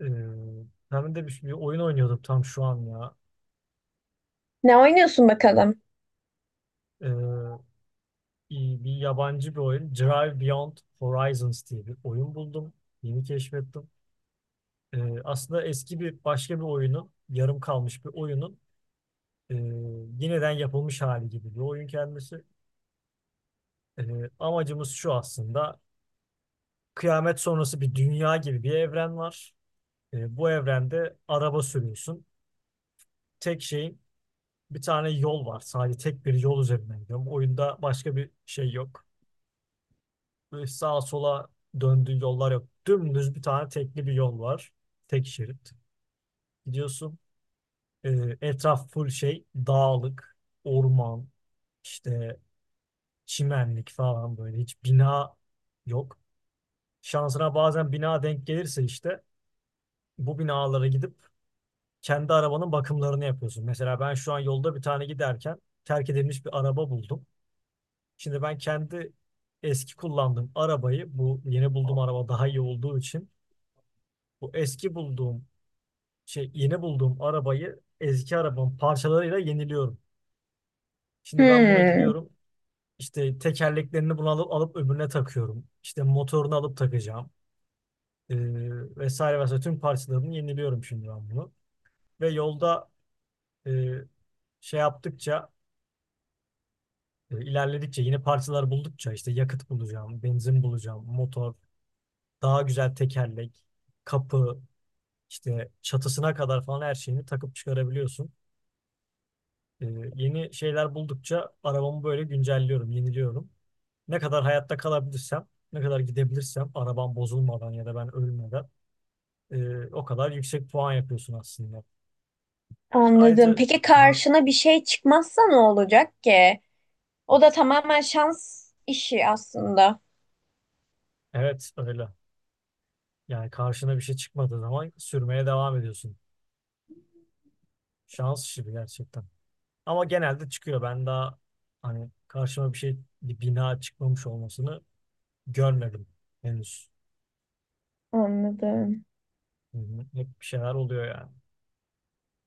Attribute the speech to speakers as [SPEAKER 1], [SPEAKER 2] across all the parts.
[SPEAKER 1] Ee, hem de bir oyun oynuyordum tam şu an ya.
[SPEAKER 2] Ne oynuyorsun bakalım?
[SPEAKER 1] Ee, Bir yabancı bir oyun. Drive Beyond Horizons diye bir oyun buldum. Yeni keşfettim. Aslında eski bir başka bir oyunun, yarım kalmış bir oyunun e, yeniden yapılmış hali gibi bir oyun kendisi. Amacımız şu aslında. Kıyamet sonrası bir dünya gibi bir evren var. Bu evrende araba sürüyorsun. Tek şeyin bir tane yol var. Sadece tek bir yol üzerinden gidiyorum. Oyunda başka bir şey yok. Böyle sağa sola döndüğü yollar yok. Dümdüz bir tane tekli bir yol var. Tek şerit. Gidiyorsun. e, Etraf full şey dağlık, orman, işte çimenlik falan böyle. Hiç bina yok. Şansına bazen bina denk gelirse işte bu binalara gidip kendi arabanın bakımlarını yapıyorsun. Mesela ben şu an yolda bir tane giderken terk edilmiş bir araba buldum. Şimdi ben kendi eski kullandığım arabayı bu yeni bulduğum araba daha iyi olduğu için bu eski bulduğum şey yeni bulduğum arabayı eski arabamın parçalarıyla yeniliyorum. Şimdi ben buna
[SPEAKER 2] Hmm,
[SPEAKER 1] gidiyorum. İşte tekerleklerini bunu alıp öbürüne takıyorum. İşte motorunu alıp takacağım. Ee, Vesaire vesaire tüm parçalarını yeniliyorum şimdi ben bunu. Ve yolda e, şey yaptıkça ilerledikçe yeni parçalar buldukça işte yakıt bulacağım, benzin bulacağım, motor, daha güzel tekerlek, kapı, işte çatısına kadar falan her şeyini takıp çıkarabiliyorsun. Ee, Yeni şeyler buldukça arabamı böyle güncelliyorum, yeniliyorum. Ne kadar hayatta kalabilirsem, ne kadar gidebilirsem arabam bozulmadan ya da ben ölmeden o kadar yüksek puan yapıyorsun aslında.
[SPEAKER 2] anladım.
[SPEAKER 1] Ayrıca
[SPEAKER 2] Peki
[SPEAKER 1] ha,
[SPEAKER 2] karşına bir şey çıkmazsa ne olacak ki? O da tamamen şans işi aslında.
[SPEAKER 1] evet öyle. Yani karşına bir şey çıkmadığı zaman sürmeye devam ediyorsun. Şans işi bu gerçekten. Ama genelde çıkıyor. Ben daha hani karşıma bir şey, bir bina çıkmamış olmasını görmedim henüz.
[SPEAKER 2] Anladım.
[SPEAKER 1] Hı hı. Hep bir şeyler oluyor yani.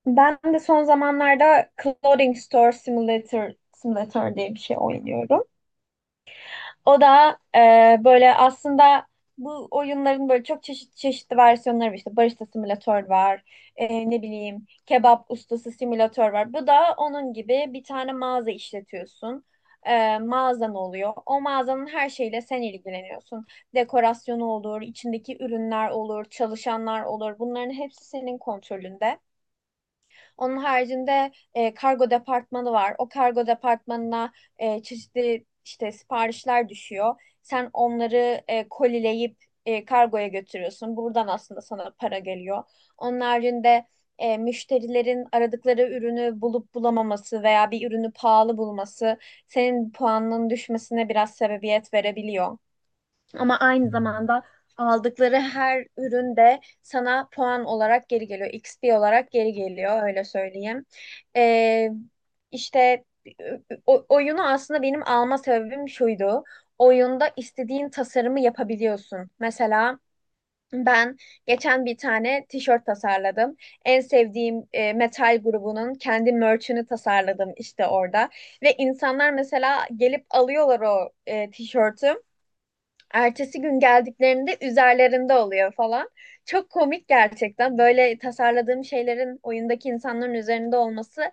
[SPEAKER 2] Ben de son zamanlarda Clothing Store Simulator Simulator diye bir şey oynuyorum. O da böyle aslında bu oyunların böyle çok çeşitli versiyonları var. İşte barista simülatör var. Ne bileyim kebap ustası simülatör var. Bu da onun gibi bir tane mağaza işletiyorsun. Mağazan oluyor. O mağazanın her şeyle sen ilgileniyorsun. Dekorasyonu olur, içindeki ürünler olur, çalışanlar olur. Bunların hepsi senin kontrolünde. Onun haricinde kargo departmanı var. O kargo departmanına çeşitli işte siparişler düşüyor. Sen onları kolileyip kargoya götürüyorsun. Buradan aslında sana para geliyor. Onun haricinde müşterilerin aradıkları ürünü bulup bulamaması veya bir ürünü pahalı bulması senin puanının düşmesine biraz sebebiyet verebiliyor. Ama
[SPEAKER 1] Hı.
[SPEAKER 2] aynı zamanda aldıkları her ürün de sana puan olarak geri geliyor. XP olarak geri geliyor öyle söyleyeyim. Ee, işte oyunu aslında benim alma sebebim şuydu. Oyunda istediğin tasarımı yapabiliyorsun. Mesela ben geçen bir tane tişört tasarladım. En sevdiğim metal grubunun kendi merch'ünü tasarladım işte orada. Ve insanlar mesela gelip alıyorlar o tişörtü. Ertesi gün geldiklerinde üzerlerinde oluyor falan. Çok komik gerçekten. Böyle tasarladığım şeylerin oyundaki insanların üzerinde olması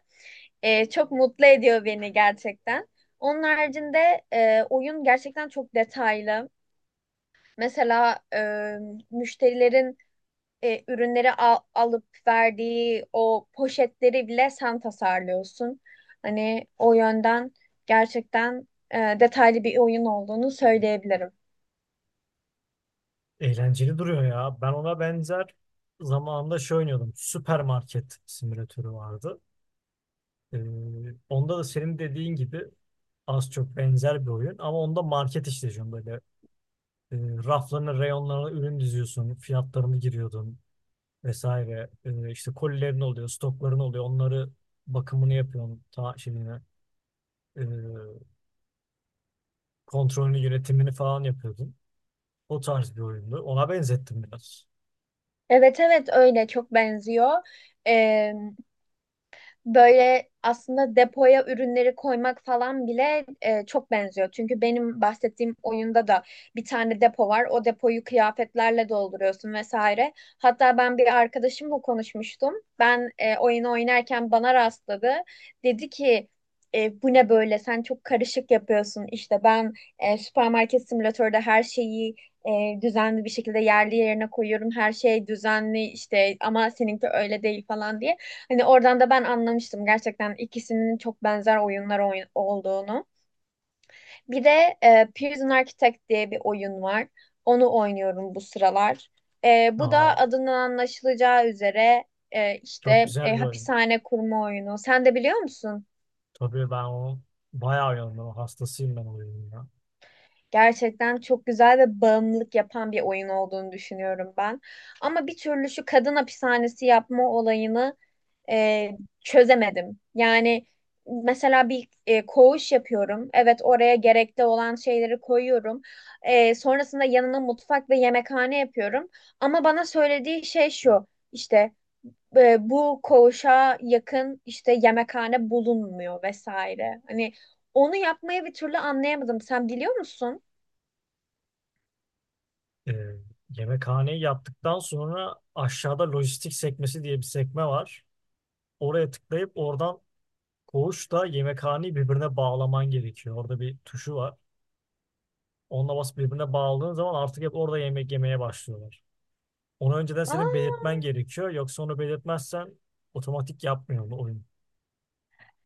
[SPEAKER 2] çok mutlu ediyor beni gerçekten. Onun haricinde oyun gerçekten çok detaylı. Mesela müşterilerin ürünleri alıp verdiği o poşetleri bile sen tasarlıyorsun. Hani o yönden gerçekten detaylı bir oyun olduğunu söyleyebilirim.
[SPEAKER 1] Eğlenceli duruyor ya. Ben ona benzer zamanında şey oynuyordum. Süpermarket simülatörü vardı. Ee, Onda da senin dediğin gibi az çok benzer bir oyun. Ama onda market işletiyorsun böyle. E, Raflarına, reyonlarına ürün diziyorsun. Fiyatlarını giriyordun vesaire. E, işte kolilerin oluyor, stokların oluyor. Onları bakımını yapıyorsun. E, kontrolünü, yönetimini falan yapıyordun. O tarz bir oyundu. Ona benzettim biraz.
[SPEAKER 2] Evet, evet öyle çok benziyor. Böyle aslında depoya ürünleri koymak falan bile çok benziyor. Çünkü benim bahsettiğim oyunda da bir tane depo var. O depoyu kıyafetlerle dolduruyorsun vesaire. Hatta ben bir arkadaşımla konuşmuştum. Ben oyunu oynarken bana rastladı. Dedi ki "Bu ne böyle? Sen çok karışık yapıyorsun. İşte ben süpermarket simülatörde her şeyi düzenli bir şekilde yerli yerine koyuyorum. Her şey düzenli işte ama seninki öyle değil falan" diye. Hani oradan da ben anlamıştım gerçekten ikisinin çok benzer oyunlar olduğunu. Bir de Prison Architect diye bir oyun var. Onu oynuyorum bu sıralar. Bu
[SPEAKER 1] Aa,
[SPEAKER 2] da adından anlaşılacağı üzere
[SPEAKER 1] çok
[SPEAKER 2] işte
[SPEAKER 1] güzel bir oyun.
[SPEAKER 2] hapishane kurma oyunu. Sen de biliyor musun?
[SPEAKER 1] Tabii ben o bayağı yandım. Hastasıyım ben o oyunun ya.
[SPEAKER 2] Gerçekten çok güzel ve bağımlılık yapan bir oyun olduğunu düşünüyorum ben. Ama bir türlü şu kadın hapishanesi yapma olayını e, çözemedim. Yani mesela bir koğuş yapıyorum. Evet, oraya gerekli olan şeyleri koyuyorum. Sonrasında yanına mutfak ve yemekhane yapıyorum. Ama bana söylediği şey şu işte bu koğuşa yakın işte yemekhane bulunmuyor vesaire. Hani onu yapmayı bir türlü anlayamadım. Sen biliyor musun?
[SPEAKER 1] Ee, Yemekhaneyi yaptıktan sonra aşağıda lojistik sekmesi diye bir sekme var. Oraya tıklayıp oradan koğuşla yemekhaneyi birbirine bağlaman gerekiyor. Orada bir tuşu var. Onunla basıp birbirine bağladığın zaman artık hep orada yemek yemeye başlıyorlar. Onu önceden senin
[SPEAKER 2] Aa.
[SPEAKER 1] belirtmen gerekiyor. Yoksa onu belirtmezsen otomatik yapmıyor bu oyun.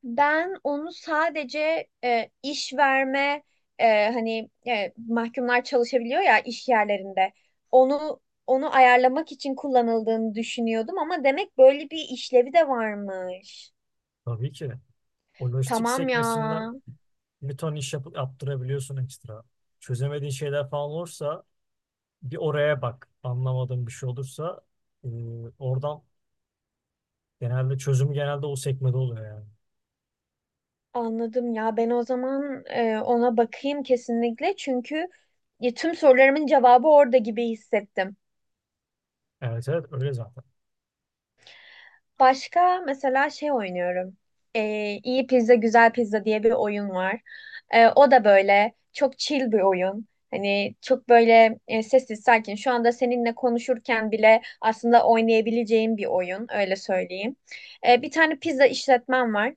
[SPEAKER 2] Ben onu sadece iş verme hani mahkumlar çalışabiliyor ya iş yerlerinde. Onu onu ayarlamak için kullanıldığını düşünüyordum ama demek böyle bir işlevi de varmış.
[SPEAKER 1] Tabii ki. O lojistik
[SPEAKER 2] Tamam ya.
[SPEAKER 1] sekmesinden bir ton iş yapıp yaptırabiliyorsun ekstra. Çözemediğin şeyler falan olursa bir oraya bak. Anlamadığın bir şey olursa e, oradan genelde çözümü o sekmede oluyor yani.
[SPEAKER 2] Anladım ya. Ben o zaman ona bakayım kesinlikle çünkü ya, tüm sorularımın cevabı orada gibi hissettim.
[SPEAKER 1] Evet evet öyle zaten.
[SPEAKER 2] Başka mesela şey oynuyorum. İyi Pizza Güzel Pizza diye bir oyun var. O da böyle çok chill bir oyun. Hani çok böyle sessiz sakin. Şu anda seninle konuşurken bile aslında oynayabileceğim bir oyun öyle söyleyeyim. Bir tane pizza işletmem var,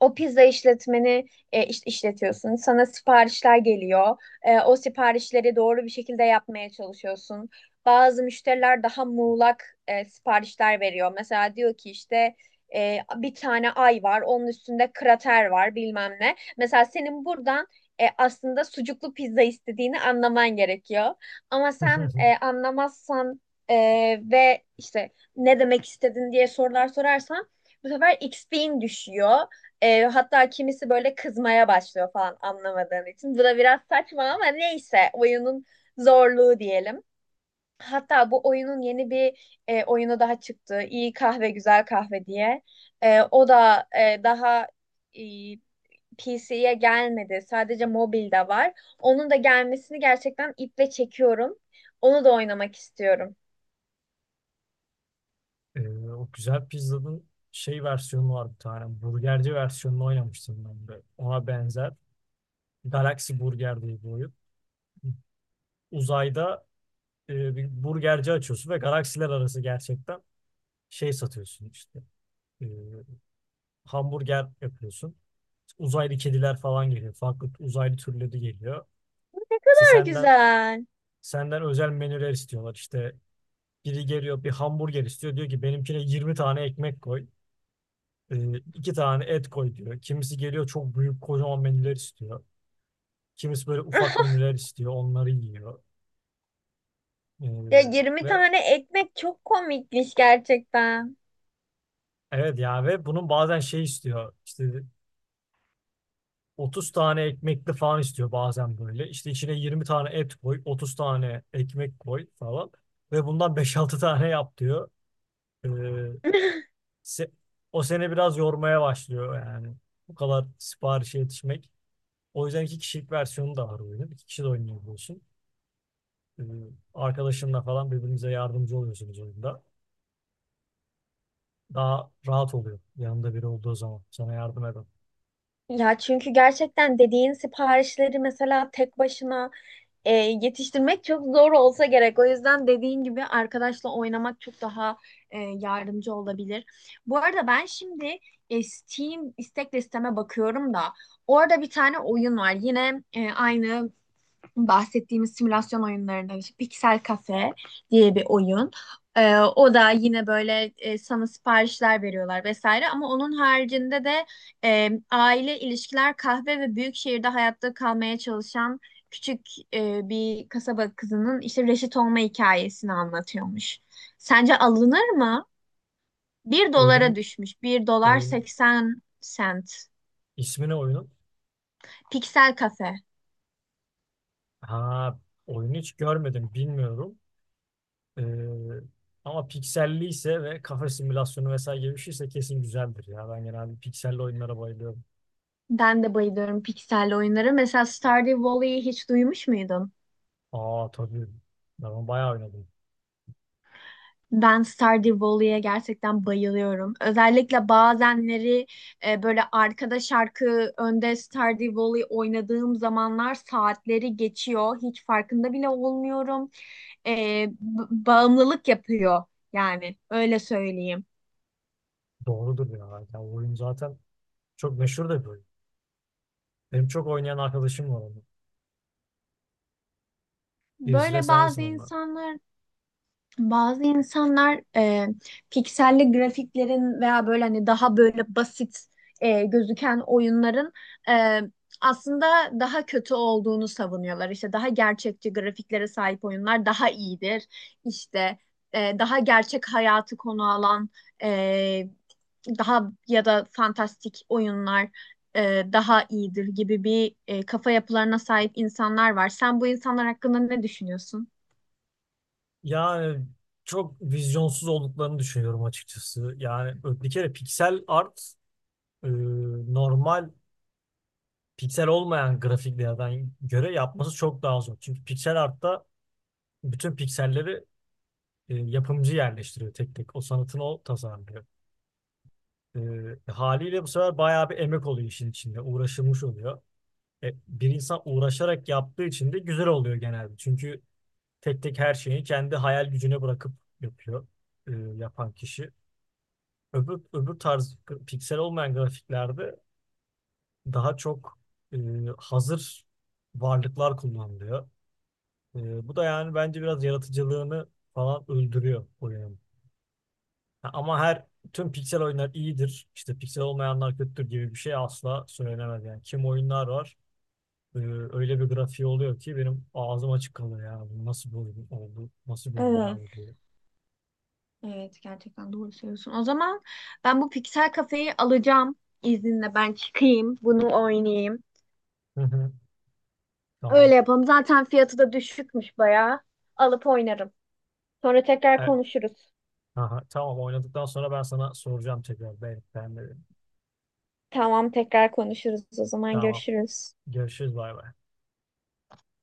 [SPEAKER 2] o pizza işletmeni işletiyorsun. Sana siparişler geliyor. O siparişleri doğru bir şekilde yapmaya çalışıyorsun. Bazı müşteriler daha muğlak siparişler veriyor. Mesela diyor ki işte bir tane ay var, onun üstünde krater var bilmem ne. Mesela senin buradan aslında sucuklu pizza istediğini anlaman gerekiyor. Ama sen anlamazsan e, ve işte ne demek istedin diye sorular sorarsan bu sefer XP'in düşüyor. Hatta kimisi böyle kızmaya başlıyor falan anlamadığın için. Bu da biraz saçma ama neyse oyunun zorluğu diyelim. Hatta bu oyunun yeni bir oyunu daha çıktı. İyi kahve güzel kahve diye. O da daha e, PC'ye gelmedi. Sadece mobilde var. Onun da gelmesini gerçekten iple çekiyorum. Onu da oynamak istiyorum.
[SPEAKER 1] E, o güzel pizzanın şey versiyonu var bir tane. Burgerci versiyonunu oynamıştım ben de. Ona benzer. Galaxy Burger diye bir oyun. Uzayda bir burgerci açıyorsun ve galaksiler arası gerçekten şey satıyorsun işte. E, hamburger yapıyorsun. Uzaylı kediler falan geliyor. Farklı uzaylı türleri geliyor.
[SPEAKER 2] Ne
[SPEAKER 1] İşte
[SPEAKER 2] kadar
[SPEAKER 1] senden
[SPEAKER 2] güzel.
[SPEAKER 1] Senden özel menüler istiyorlar. İşte biri geliyor bir hamburger istiyor. Diyor ki benimkine 20 tane ekmek koy. İki tane et koy diyor. Kimisi geliyor çok büyük kocaman menüler istiyor. Kimisi böyle ufak menüler istiyor. Onları yiyor.
[SPEAKER 2] Ya,
[SPEAKER 1] E,
[SPEAKER 2] 20
[SPEAKER 1] ve
[SPEAKER 2] tane ekmek çok komikmiş gerçekten.
[SPEAKER 1] evet ya ve bunun bazen şey istiyor. İşte 30 tane ekmekli falan istiyor bazen böyle. İşte içine 20 tane et koy. 30 tane ekmek koy falan. Ve bundan beş altı tane yap diyor. E, se- O seni biraz yormaya başlıyor yani. Bu kadar siparişe yetişmek. O yüzden iki kişilik versiyonu da var oyunun. İki kişi de oynayabiliyorsun. Ee, Arkadaşınla falan birbirinize yardımcı oluyorsunuz oyunda. Daha rahat oluyor yanında biri olduğu zaman. Sana yardım eden.
[SPEAKER 2] Ya çünkü gerçekten dediğin siparişleri mesela tek başına yetiştirmek çok zor olsa gerek. O yüzden dediğin gibi arkadaşla oynamak çok daha yardımcı olabilir. Bu arada ben şimdi Steam istek listeme bakıyorum da orada bir tane oyun var. Yine aynı bahsettiğimiz simülasyon oyunlarından işte Pixel Cafe diye bir oyun. O da yine böyle sana siparişler veriyorlar vesaire ama onun haricinde de aile ilişkiler, kahve ve büyük şehirde hayatta kalmaya çalışan küçük bir kasaba kızının işte reşit olma hikayesini anlatıyormuş. Sence alınır mı? Bir dolara
[SPEAKER 1] Oyunun,
[SPEAKER 2] düşmüş. Bir dolar
[SPEAKER 1] oyun,
[SPEAKER 2] 80 sent.
[SPEAKER 1] ismini oyunun.
[SPEAKER 2] Pixel Cafe.
[SPEAKER 1] Ha, oyunu hiç görmedim bilmiyorum. Ee, Ama pikselli ise ve kafe simülasyonu vesaire gibi bir şeyse kesin güzeldir ya. Ben genelde pikselli oyunlara bayılıyorum.
[SPEAKER 2] Ben de bayılıyorum pikselli oyunlara. Mesela Stardew Valley'i hiç duymuş muydun?
[SPEAKER 1] Aa tabii. Ben onu bayağı oynadım.
[SPEAKER 2] Ben Stardew Valley'e gerçekten bayılıyorum. Özellikle bazenleri böyle arkada şarkı önde Stardew Valley oynadığım zamanlar saatleri geçiyor. Hiç farkında bile olmuyorum. E, bağımlılık yapıyor yani öyle söyleyeyim.
[SPEAKER 1] Doğrudur ya. Ya o oyun zaten çok meşhur da bir oyun. Benim çok oynayan arkadaşım var onu. Birisi de
[SPEAKER 2] Böyle
[SPEAKER 1] sensin
[SPEAKER 2] bazı
[SPEAKER 1] onlar.
[SPEAKER 2] insanlar Bazı insanlar pikselli grafiklerin veya böyle hani daha böyle basit gözüken oyunların e, aslında daha kötü olduğunu savunuyorlar. İşte daha gerçekçi grafiklere sahip oyunlar daha iyidir. İşte daha gerçek hayatı konu alan e, daha ya da fantastik oyunlar daha iyidir gibi bir kafa yapılarına sahip insanlar var. Sen bu insanlar hakkında ne düşünüyorsun?
[SPEAKER 1] Yani çok vizyonsuz olduklarını düşünüyorum açıkçası. Yani bir kere piksel art e, normal piksel olmayan grafiklerden göre yapması çok daha zor. Çünkü piksel artta bütün pikselleri yapımcı yerleştiriyor tek tek. O sanatını o tasarlıyor. E, Haliyle bu sefer bayağı bir emek oluyor işin içinde. Uğraşılmış oluyor. Bir insan uğraşarak yaptığı için de güzel oluyor genelde. Çünkü tek tek her şeyi kendi hayal gücüne bırakıp yapıyor yapan kişi. Öbür tarz piksel olmayan grafiklerde daha çok e, hazır varlıklar kullanılıyor. E, bu da yani bence biraz yaratıcılığını falan öldürüyor oyunun. Ama tüm piksel oyunlar iyidir, işte piksel olmayanlar kötüdür gibi bir şey asla söylenemez yani. Kim oyunlar var öyle bir grafiği oluyor ki benim ağzım açık kalıyor ya. Bu nasıl bir oyun oldu? Nasıl bir oyun ya
[SPEAKER 2] Evet.
[SPEAKER 1] bu diye.
[SPEAKER 2] Evet, gerçekten doğru söylüyorsun. O zaman ben bu Pixel Kafe'yi alacağım, izninle ben çıkayım bunu oynayayım.
[SPEAKER 1] Hı hı. Tamam.
[SPEAKER 2] Öyle yapalım. Zaten fiyatı da düşükmüş bayağı. Alıp oynarım. Sonra tekrar
[SPEAKER 1] E,
[SPEAKER 2] konuşuruz.
[SPEAKER 1] aha, tamam, oynadıktan sonra ben sana soracağım tekrar. Ben de.
[SPEAKER 2] Tamam, tekrar konuşuruz. O zaman
[SPEAKER 1] Tamam.
[SPEAKER 2] görüşürüz.
[SPEAKER 1] Görüşürüz, bay bay.